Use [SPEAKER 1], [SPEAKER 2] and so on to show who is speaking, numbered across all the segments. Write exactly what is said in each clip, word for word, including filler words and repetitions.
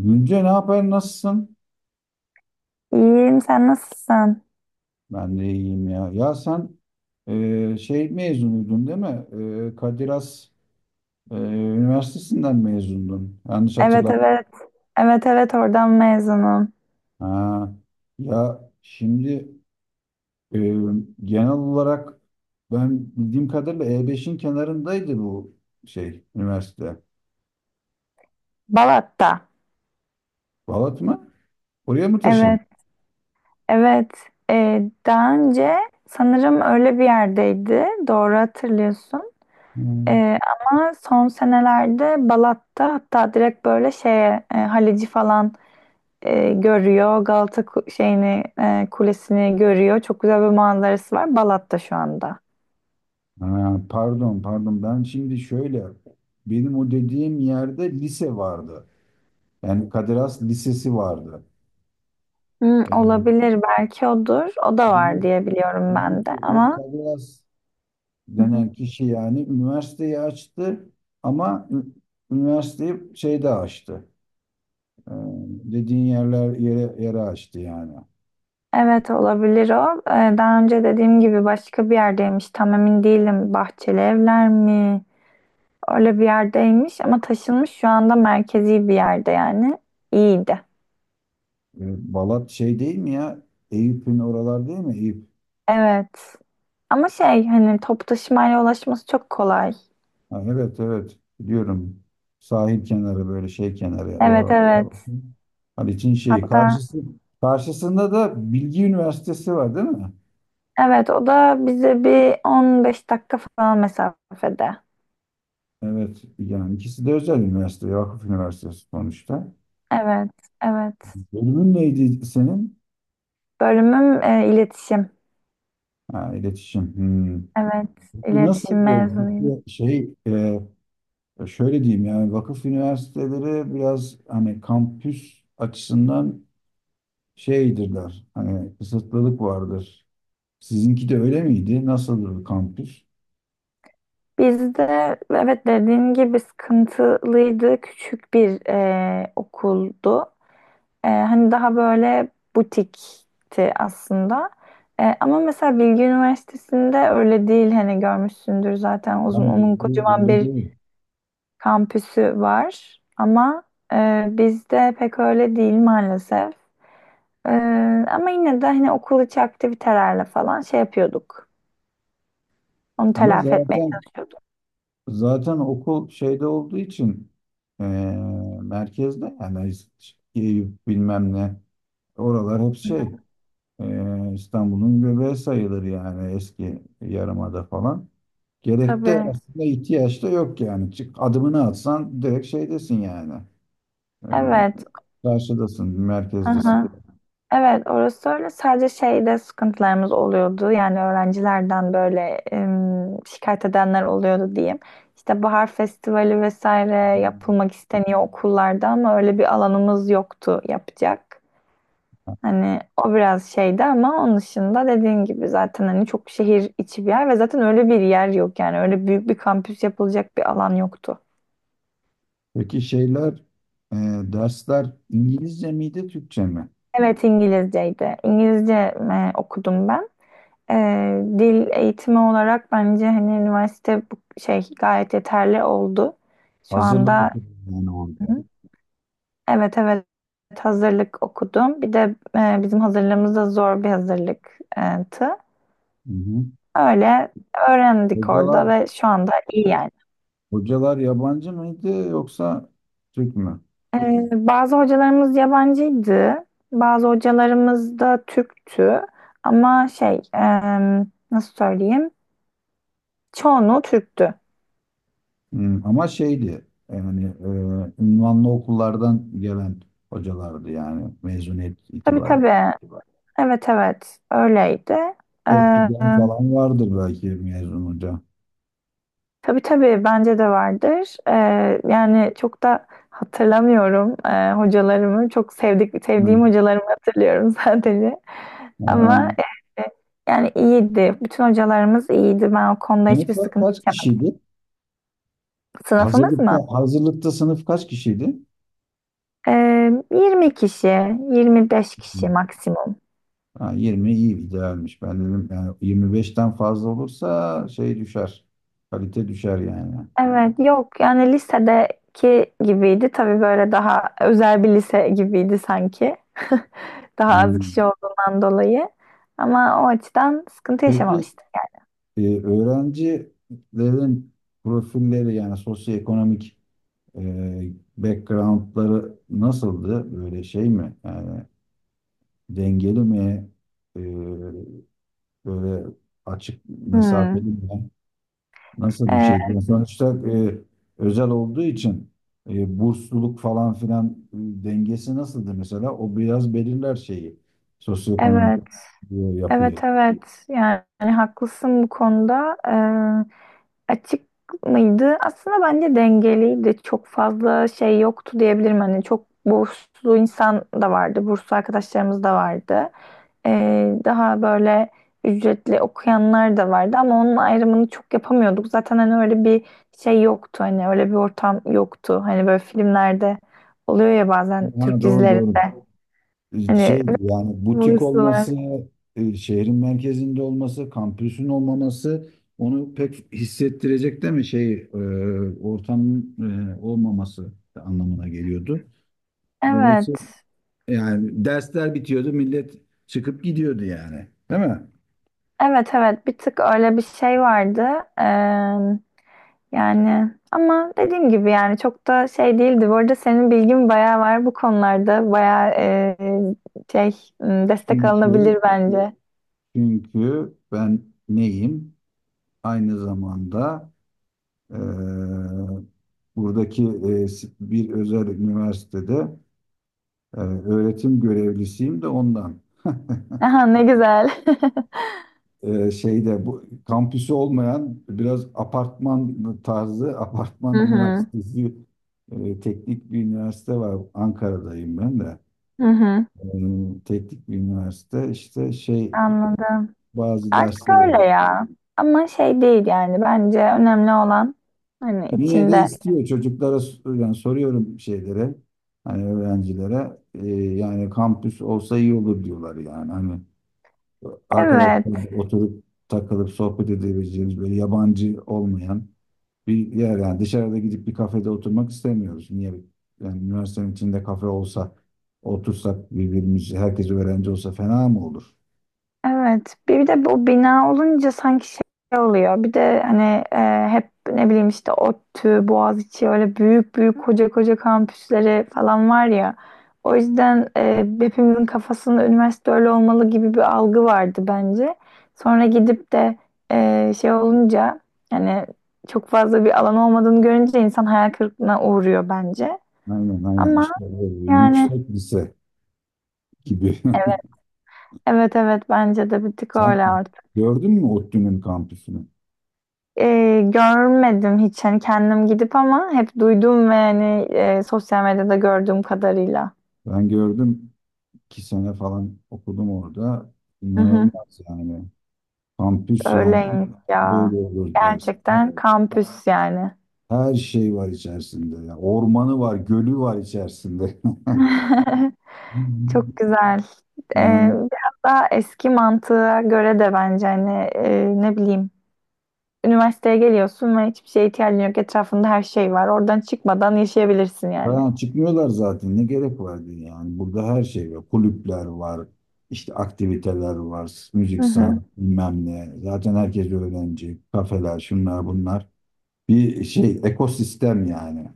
[SPEAKER 1] Gülce, ne haber, nasılsın?
[SPEAKER 2] İyiyim, sen nasılsın?
[SPEAKER 1] Ben de iyiyim ya. Ya sen e, şey mezunuydun değil mi? E, Kadir Has e, Üniversitesinden mezundun. Yanlış
[SPEAKER 2] Evet,
[SPEAKER 1] hatırlamıyorum.
[SPEAKER 2] evet. Evet, evet, oradan mezunum.
[SPEAKER 1] Ha. Ya şimdi e, genel olarak ben bildiğim kadarıyla E beşin kenarındaydı bu şey üniversite.
[SPEAKER 2] Balat'ta.
[SPEAKER 1] Balat mı? Oraya mı taşındın?
[SPEAKER 2] Evet, evet. Ee, daha önce sanırım öyle bir yerdeydi. Doğru hatırlıyorsun.
[SPEAKER 1] Hmm.
[SPEAKER 2] Ee, Ama son senelerde Balat'ta hatta direkt böyle şeye, e, Halici falan e, görüyor. Galata ku- şeyini e, kulesini görüyor. Çok güzel bir manzarası var. Balat'ta şu anda.
[SPEAKER 1] Ha, pardon, pardon, ben şimdi şöyle, benim o dediğim yerde lise vardı. Yani Kadir Has Lisesi vardı.
[SPEAKER 2] Hmm,
[SPEAKER 1] Ee,
[SPEAKER 2] olabilir belki odur. O da var
[SPEAKER 1] demek,
[SPEAKER 2] diye biliyorum
[SPEAKER 1] demek
[SPEAKER 2] ben de
[SPEAKER 1] ki o
[SPEAKER 2] ama
[SPEAKER 1] Kadir Has
[SPEAKER 2] Hı hı.
[SPEAKER 1] denen kişi yani üniversiteyi açtı ama ü- üniversiteyi şeyde açtı. Ee, dediğin yerler yere, yere açtı yani.
[SPEAKER 2] evet olabilir o. Ee, daha önce dediğim gibi başka bir yerdeymiş. Tam emin değilim. Bahçeli evler mi? Öyle bir yerdeymiş ama taşınmış şu anda merkezi bir yerde yani. İyiydi.
[SPEAKER 1] Ee, Balat şey değil mi ya? Eyüp'ün oralar değil mi? Eyüp.
[SPEAKER 2] Evet. Ama şey hani top taşımayla ulaşması çok kolay.
[SPEAKER 1] Ha, evet, evet, biliyorum. Sahil kenarı, böyle şey kenarı.
[SPEAKER 2] Evet,
[SPEAKER 1] O,
[SPEAKER 2] evet.
[SPEAKER 1] Haliç'in şeyi.
[SPEAKER 2] Hatta
[SPEAKER 1] Karşısı, karşısında da Bilgi Üniversitesi var değil mi?
[SPEAKER 2] evet o da bize bir on beş dakika falan mesafede.
[SPEAKER 1] Evet, yani ikisi de özel üniversite, Vakıf Üniversitesi sonuçta.
[SPEAKER 2] Evet, evet.
[SPEAKER 1] Bölümün neydi senin?
[SPEAKER 2] Bölümüm e, iletişim.
[SPEAKER 1] Ha, iletişim. Hmm.
[SPEAKER 2] Evet,
[SPEAKER 1] Peki
[SPEAKER 2] iletişim
[SPEAKER 1] nasıl böyle
[SPEAKER 2] mezunuyum.
[SPEAKER 1] bir şey, e, şöyle diyeyim, yani vakıf üniversiteleri biraz hani kampüs açısından şeydirler. Hani kısıtlılık vardır. Sizinki de öyle miydi? Nasıldır kampüs?
[SPEAKER 2] Bizde, evet, dediğin gibi sıkıntılıydı. Küçük bir e, okuldu. Ee, hani daha böyle butikti aslında. Ee, ama mesela Bilgi Üniversitesi'nde öyle değil hani görmüşsündür zaten uzun
[SPEAKER 1] Ben
[SPEAKER 2] onun kocaman
[SPEAKER 1] böyle
[SPEAKER 2] bir
[SPEAKER 1] değil.
[SPEAKER 2] kampüsü var. Ama e, bizde pek öyle değil maalesef. Ee, Ama yine de hani okul içi aktivitelerle falan şey yapıyorduk. Onu
[SPEAKER 1] Ama
[SPEAKER 2] telafi etmeye
[SPEAKER 1] zaten
[SPEAKER 2] çalışıyorduk.
[SPEAKER 1] Zaten okul şeyde olduğu için eee, merkezde yani, Eyüp bilmem ne, oralar hep şey, eee, İstanbul'un göbeği sayılır yani, eski yarımada falan. Gerek de
[SPEAKER 2] Tabii.
[SPEAKER 1] aslında, ihtiyaç da yok yani. Çık adımını atsan direkt şeydesin yani. Eee,
[SPEAKER 2] Evet.
[SPEAKER 1] karşıdasın, merkezdesin.
[SPEAKER 2] Aha. Evet, orası öyle. Sadece şeyde sıkıntılarımız oluyordu. Yani öğrencilerden böyle em, şikayet edenler oluyordu diyeyim. İşte bahar festivali vesaire yapılmak isteniyor okullarda ama öyle bir alanımız yoktu yapacak. Hani o biraz şeydi ama onun dışında dediğin gibi zaten hani çok şehir içi bir yer ve zaten öyle bir yer yok yani öyle büyük bir kampüs yapılacak bir alan yoktu.
[SPEAKER 1] Peki şeyler, e, dersler İngilizce miydi, Türkçe mi?
[SPEAKER 2] Evet, İngilizceydi. İngilizce e, okudum ben. E, Dil eğitimi olarak bence hani üniversite bu şey gayet yeterli oldu. Şu
[SPEAKER 1] Hazırlık
[SPEAKER 2] anda.
[SPEAKER 1] okulu yani orada.
[SPEAKER 2] Hı. evet evet hazırlık okudum. Bir de e, bizim hazırlığımız da zor bir hazırlıktı.
[SPEAKER 1] Hı hı.
[SPEAKER 2] Öyle öğrendik
[SPEAKER 1] Hocalar
[SPEAKER 2] orada ve şu anda iyi yani.
[SPEAKER 1] Hocalar yabancı mıydı yoksa Türk mü?
[SPEAKER 2] E, bazı hocalarımız yabancıydı. Bazı hocalarımız da Türktü. Ama şey e, nasıl söyleyeyim? Çoğunluğu Türktü.
[SPEAKER 1] Hmm, ama şeydi yani, e, ünvanlı okullardan gelen hocalardı yani mezuniyet
[SPEAKER 2] Tabii,
[SPEAKER 1] itibariyle.
[SPEAKER 2] tabii. Evet, evet, öyleydi. Ee,
[SPEAKER 1] ODTÜ'den falan vardır belki mezun hoca.
[SPEAKER 2] tabii, tabii, bence de vardır. Ee, yani çok da hatırlamıyorum ee, hocalarımı. Çok sevdik,
[SPEAKER 1] Hmm.
[SPEAKER 2] sevdiğim hocalarımı hatırlıyorum sadece. Ama
[SPEAKER 1] Ee,
[SPEAKER 2] e, yani iyiydi. Bütün hocalarımız iyiydi. Ben o konuda hiçbir
[SPEAKER 1] sınıflar
[SPEAKER 2] sıkıntı
[SPEAKER 1] kaç
[SPEAKER 2] çekmedim.
[SPEAKER 1] kişiydi?
[SPEAKER 2] Sınıfımız mı?
[SPEAKER 1] Hazırlıkta hazırlıkta sınıf kaç kişiydi?
[SPEAKER 2] Ee, yirmi kişi, yirmi beş kişi
[SPEAKER 1] Hmm.
[SPEAKER 2] maksimum.
[SPEAKER 1] Ha, yirmi iyi idealmiş. Ben dedim yani yirmi beşten fazla olursa şey düşer. Kalite düşer yani.
[SPEAKER 2] Evet, yok yani lisedeki gibiydi. Tabii böyle daha özel bir lise gibiydi sanki. Daha az
[SPEAKER 1] Hmm.
[SPEAKER 2] kişi olduğundan dolayı. Ama o açıdan sıkıntı
[SPEAKER 1] Peki
[SPEAKER 2] yaşamamıştım.
[SPEAKER 1] E, öğrencilerin profilleri yani sosyoekonomik, e, backgroundları nasıldı? Böyle şey mi? Yani dengeli mi? E, böyle açık mesafeli
[SPEAKER 2] Hmm.
[SPEAKER 1] mi? Nasıl bir şeydi?
[SPEAKER 2] Ee,
[SPEAKER 1] Yani sonuçta e, özel olduğu için, e, bursluluk falan filan, e, dengesi nasıldı mesela? O biraz belirler şeyi. Sosyoekonomik,
[SPEAKER 2] evet,
[SPEAKER 1] e,
[SPEAKER 2] evet,
[SPEAKER 1] yapıyı.
[SPEAKER 2] evet. Yani, haklısın bu konuda. Ee, açık mıydı? Aslında bence dengeliydi. Çok fazla şey yoktu diyebilirim. Hani çok burslu insan da vardı. Burslu arkadaşlarımız da vardı. Ee, daha böyle ücretli okuyanlar da vardı ama onun ayrımını çok yapamıyorduk. Zaten hani öyle bir şey yoktu. Hani öyle bir ortam yoktu. Hani böyle filmlerde oluyor ya bazen Türk
[SPEAKER 1] Ha, doğru,
[SPEAKER 2] dizileri.
[SPEAKER 1] doğru. Ee,
[SPEAKER 2] Hani
[SPEAKER 1] şey, yani butik
[SPEAKER 2] burası var.
[SPEAKER 1] olması, e, şehrin merkezinde olması, kampüsün olmaması, onu pek hissettirecek değil mi? Şey, e, ortamın, e, olmaması anlamına geliyordu.
[SPEAKER 2] Evet.
[SPEAKER 1] Dolayısıyla yani dersler bitiyordu, millet çıkıp gidiyordu yani. Değil mi?
[SPEAKER 2] Evet, evet, bir tık öyle bir şey vardı. Ee, Yani ama dediğim gibi yani çok da şey değildi. Bu arada senin bilgin bayağı var bu konularda. Bayağı e, şey m, destek
[SPEAKER 1] Çünkü
[SPEAKER 2] alınabilir bence.
[SPEAKER 1] çünkü ben neyim? Aynı zamanda e, buradaki e, bir özel üniversitede Ee, öğretim görevlisiyim de ondan.
[SPEAKER 2] Aha, ne güzel.
[SPEAKER 1] Ee, şeyde, bu kampüsü olmayan biraz apartman tarzı
[SPEAKER 2] Hı
[SPEAKER 1] apartman
[SPEAKER 2] hı.
[SPEAKER 1] üniversitesi, e, teknik bir üniversite var. Ankara'dayım ben de.
[SPEAKER 2] Hı hı.
[SPEAKER 1] Ee, teknik bir üniversite işte şey,
[SPEAKER 2] Anladım.
[SPEAKER 1] bazı
[SPEAKER 2] Artık
[SPEAKER 1] derslere
[SPEAKER 2] öyle
[SPEAKER 1] gidiyor.
[SPEAKER 2] ya. Ama şey değil yani. Bence önemli olan hani
[SPEAKER 1] Yine de
[SPEAKER 2] içinde.
[SPEAKER 1] istiyor, çocuklara yani soruyorum şeylere, hani öğrencilere, e, yani kampüs olsa iyi olur diyorlar yani, hani arkadaşlar
[SPEAKER 2] Evet.
[SPEAKER 1] oturup takılıp sohbet edebileceğimiz, böyle yabancı olmayan bir yer, yani dışarıda gidip bir kafede oturmak istemiyoruz. Niye? Yani üniversitenin içinde kafe olsa, otursak, birbirimiz herkes öğrenci olsa fena mı olur?
[SPEAKER 2] Evet. Bir de bu bina olunca sanki şey oluyor. Bir de hani e, hep ne bileyim işte ODTÜ, Boğaziçi öyle büyük büyük koca koca kampüsleri falan var ya. O yüzden e, hepimizin kafasında üniversite öyle olmalı gibi bir algı vardı bence. Sonra gidip de e, şey olunca yani çok fazla bir alan olmadığını görünce insan hayal kırıklığına uğruyor bence.
[SPEAKER 1] Aynen, aynen,
[SPEAKER 2] Ama
[SPEAKER 1] işte böyle
[SPEAKER 2] yani
[SPEAKER 1] yüksek lise gibi.
[SPEAKER 2] evet, evet, evet, bence de bir tık
[SPEAKER 1] Sen
[SPEAKER 2] öyle.
[SPEAKER 1] gördün mü ODTÜ'nün kampüsünü?
[SPEAKER 2] E, görmedim hiç hani kendim gidip ama hep duydum ve hani e, sosyal medyada gördüğüm kadarıyla.
[SPEAKER 1] Ben gördüm, iki sene falan okudum orada.
[SPEAKER 2] Hı hı,
[SPEAKER 1] İnanılmaz yani. Kampüs yani,
[SPEAKER 2] öyleymiş ya.
[SPEAKER 1] böyle olur dersin.
[SPEAKER 2] Gerçekten kampüs yani.
[SPEAKER 1] Her şey var içerisinde. Ya. Ormanı var, gölü var içerisinde.
[SPEAKER 2] Çok güzel. E,
[SPEAKER 1] Yani
[SPEAKER 2] Biraz daha eski mantığa göre de bence hani e, ne bileyim üniversiteye geliyorsun ve hiçbir şeye ihtiyacın yok. Etrafında her şey var. Oradan çıkmadan yaşayabilirsin yani.
[SPEAKER 1] falan çıkmıyorlar zaten. Ne gerek vardı yani? Burada her şey var. Kulüpler var. İşte aktiviteler var.
[SPEAKER 2] Hı
[SPEAKER 1] Müzik,
[SPEAKER 2] hı.
[SPEAKER 1] sanat, bilmem ne. Zaten herkes öğrenci. Kafeler, şunlar bunlar. Bir şey, ekosistem yani.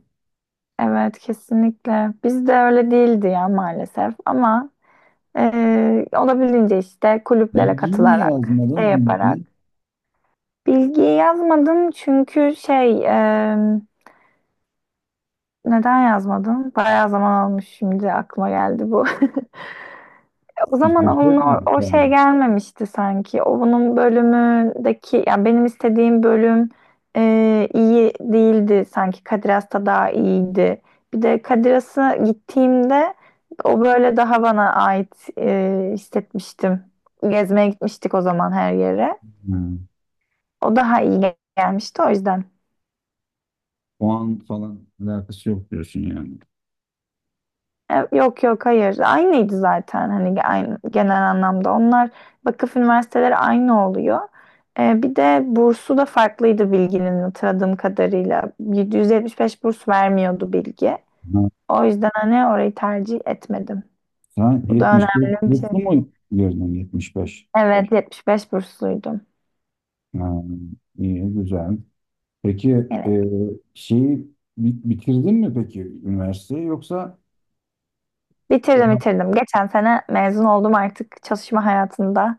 [SPEAKER 2] Evet, kesinlikle. Bizde öyle değildi ya maalesef ama e, olabildiğince işte kulüplere
[SPEAKER 1] Bilgiyi niye
[SPEAKER 2] katılarak, şey
[SPEAKER 1] yazmadın?
[SPEAKER 2] yaparak.
[SPEAKER 1] Bilgiyi
[SPEAKER 2] Bilgiyi yazmadım çünkü şey e, neden yazmadım? Bayağı zaman almış şimdi aklıma geldi bu. O
[SPEAKER 1] hiç
[SPEAKER 2] zaman onun o,
[SPEAKER 1] yükseltmedin
[SPEAKER 2] o şey
[SPEAKER 1] sen.
[SPEAKER 2] gelmemişti sanki. O bunun bölümündeki yani benim istediğim bölüm e, iyi değildi sanki. Kadir Has'ta daha iyiydi. Bir de Kadir Has'a gittiğimde o böyle daha bana ait e, hissetmiştim. Gezmeye gitmiştik o zaman her yere.
[SPEAKER 1] Ha,
[SPEAKER 2] O daha iyi gel- gelmişti o yüzden.
[SPEAKER 1] o an falan alakası yok diyorsun yani.
[SPEAKER 2] E, Yok, yok, hayır. Aynıydı zaten hani ge- aynı, genel anlamda. Onlar vakıf üniversiteleri aynı oluyor. E, bir de bursu da farklıydı Bilgi'nin hatırladığım kadarıyla. yedi yüz yetmiş beş burs vermiyordu Bilgi.
[SPEAKER 1] Ha,
[SPEAKER 2] O yüzden hani orayı tercih etmedim.
[SPEAKER 1] Sen
[SPEAKER 2] Bu da
[SPEAKER 1] yetmiş beş
[SPEAKER 2] önemli bir şey.
[SPEAKER 1] burslu mu girdin, yetmiş beş?
[SPEAKER 2] Evet, yetmiş beş bursluydum.
[SPEAKER 1] Ha, iyi, güzel. Peki
[SPEAKER 2] Evet.
[SPEAKER 1] e, şeyi bi- bitirdin mi peki üniversiteyi yoksa
[SPEAKER 2] Bitirdim,
[SPEAKER 1] e,
[SPEAKER 2] bitirdim. Geçen sene mezun oldum artık çalışma hayatında.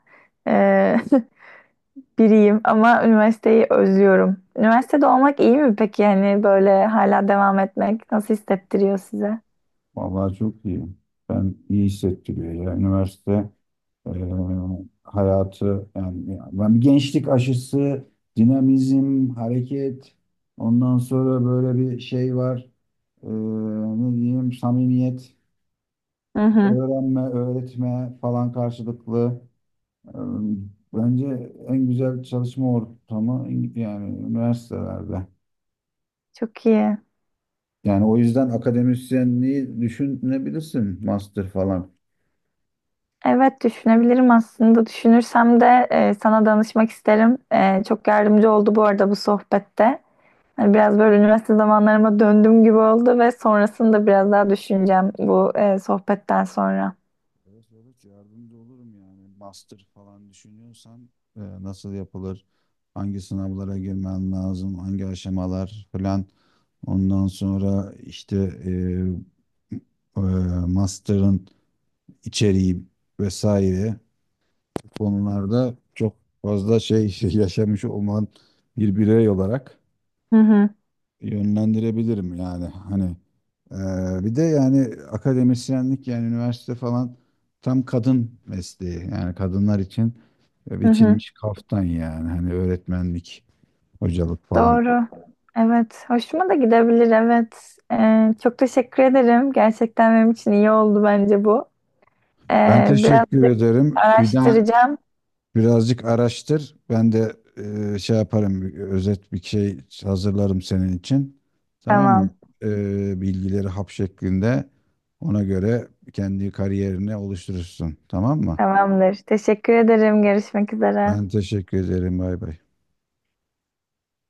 [SPEAKER 2] E, Biriyim ama üniversiteyi özlüyorum. Üniversitede olmak iyi mi peki? Yani böyle hala devam etmek nasıl hissettiriyor size?
[SPEAKER 1] vallahi çok iyi. Ben, iyi hissettiriyor ya üniversite, e, hayatı yani, ya ben, bir gençlik aşısı, dinamizm, hareket, ondan sonra böyle bir şey var. E, ne diyeyim, samimiyet,
[SPEAKER 2] Hı hı.
[SPEAKER 1] öğrenme, öğretme falan, karşılıklı. Ee, Bence en güzel çalışma ortamı İng- yani üniversitelerde.
[SPEAKER 2] Çok iyi.
[SPEAKER 1] Yani o yüzden akademisyenliği düşünebilirsin, master falan.
[SPEAKER 2] Evet, düşünebilirim aslında. Düşünürsem de e, sana danışmak isterim. E, çok yardımcı oldu bu arada bu sohbette. Hani biraz böyle üniversite zamanlarıma döndüğüm gibi oldu ve sonrasını da biraz daha düşüneceğim bu e, sohbetten sonra.
[SPEAKER 1] Evet, evet, yardımcı olurum yani. Master falan düşünüyorsan e, nasıl yapılır? Hangi sınavlara girmen lazım? Hangi aşamalar falan. Ondan sonra işte e, e, master'ın içeriği vesaire. Konularda çok fazla şey yaşamış olman, bir birey olarak
[SPEAKER 2] Hı hı.
[SPEAKER 1] yönlendirebilirim yani, hani eee, bir de yani akademisyenlik yani üniversite falan tam kadın mesleği yani, kadınlar için
[SPEAKER 2] Hı hı.
[SPEAKER 1] biçilmiş kaftan yani, hani öğretmenlik, hocalık falan.
[SPEAKER 2] Doğru. Evet. Hoşuma da gidebilir. Evet. Ee, çok teşekkür ederim. Gerçekten benim için iyi oldu bence bu.
[SPEAKER 1] Ben
[SPEAKER 2] Ee,
[SPEAKER 1] teşekkür
[SPEAKER 2] birazcık
[SPEAKER 1] ederim. Bir daha,
[SPEAKER 2] araştıracağım.
[SPEAKER 1] birazcık araştır. Ben de e, şey yaparım, bir özet bir şey hazırlarım senin için. Tamam mı?
[SPEAKER 2] Tamam.
[SPEAKER 1] E, bilgileri hap şeklinde, ona göre kendi kariyerini oluşturursun. Tamam mı?
[SPEAKER 2] Tamamdır. Teşekkür ederim. Görüşmek üzere.
[SPEAKER 1] Ben teşekkür ederim. Bay bay.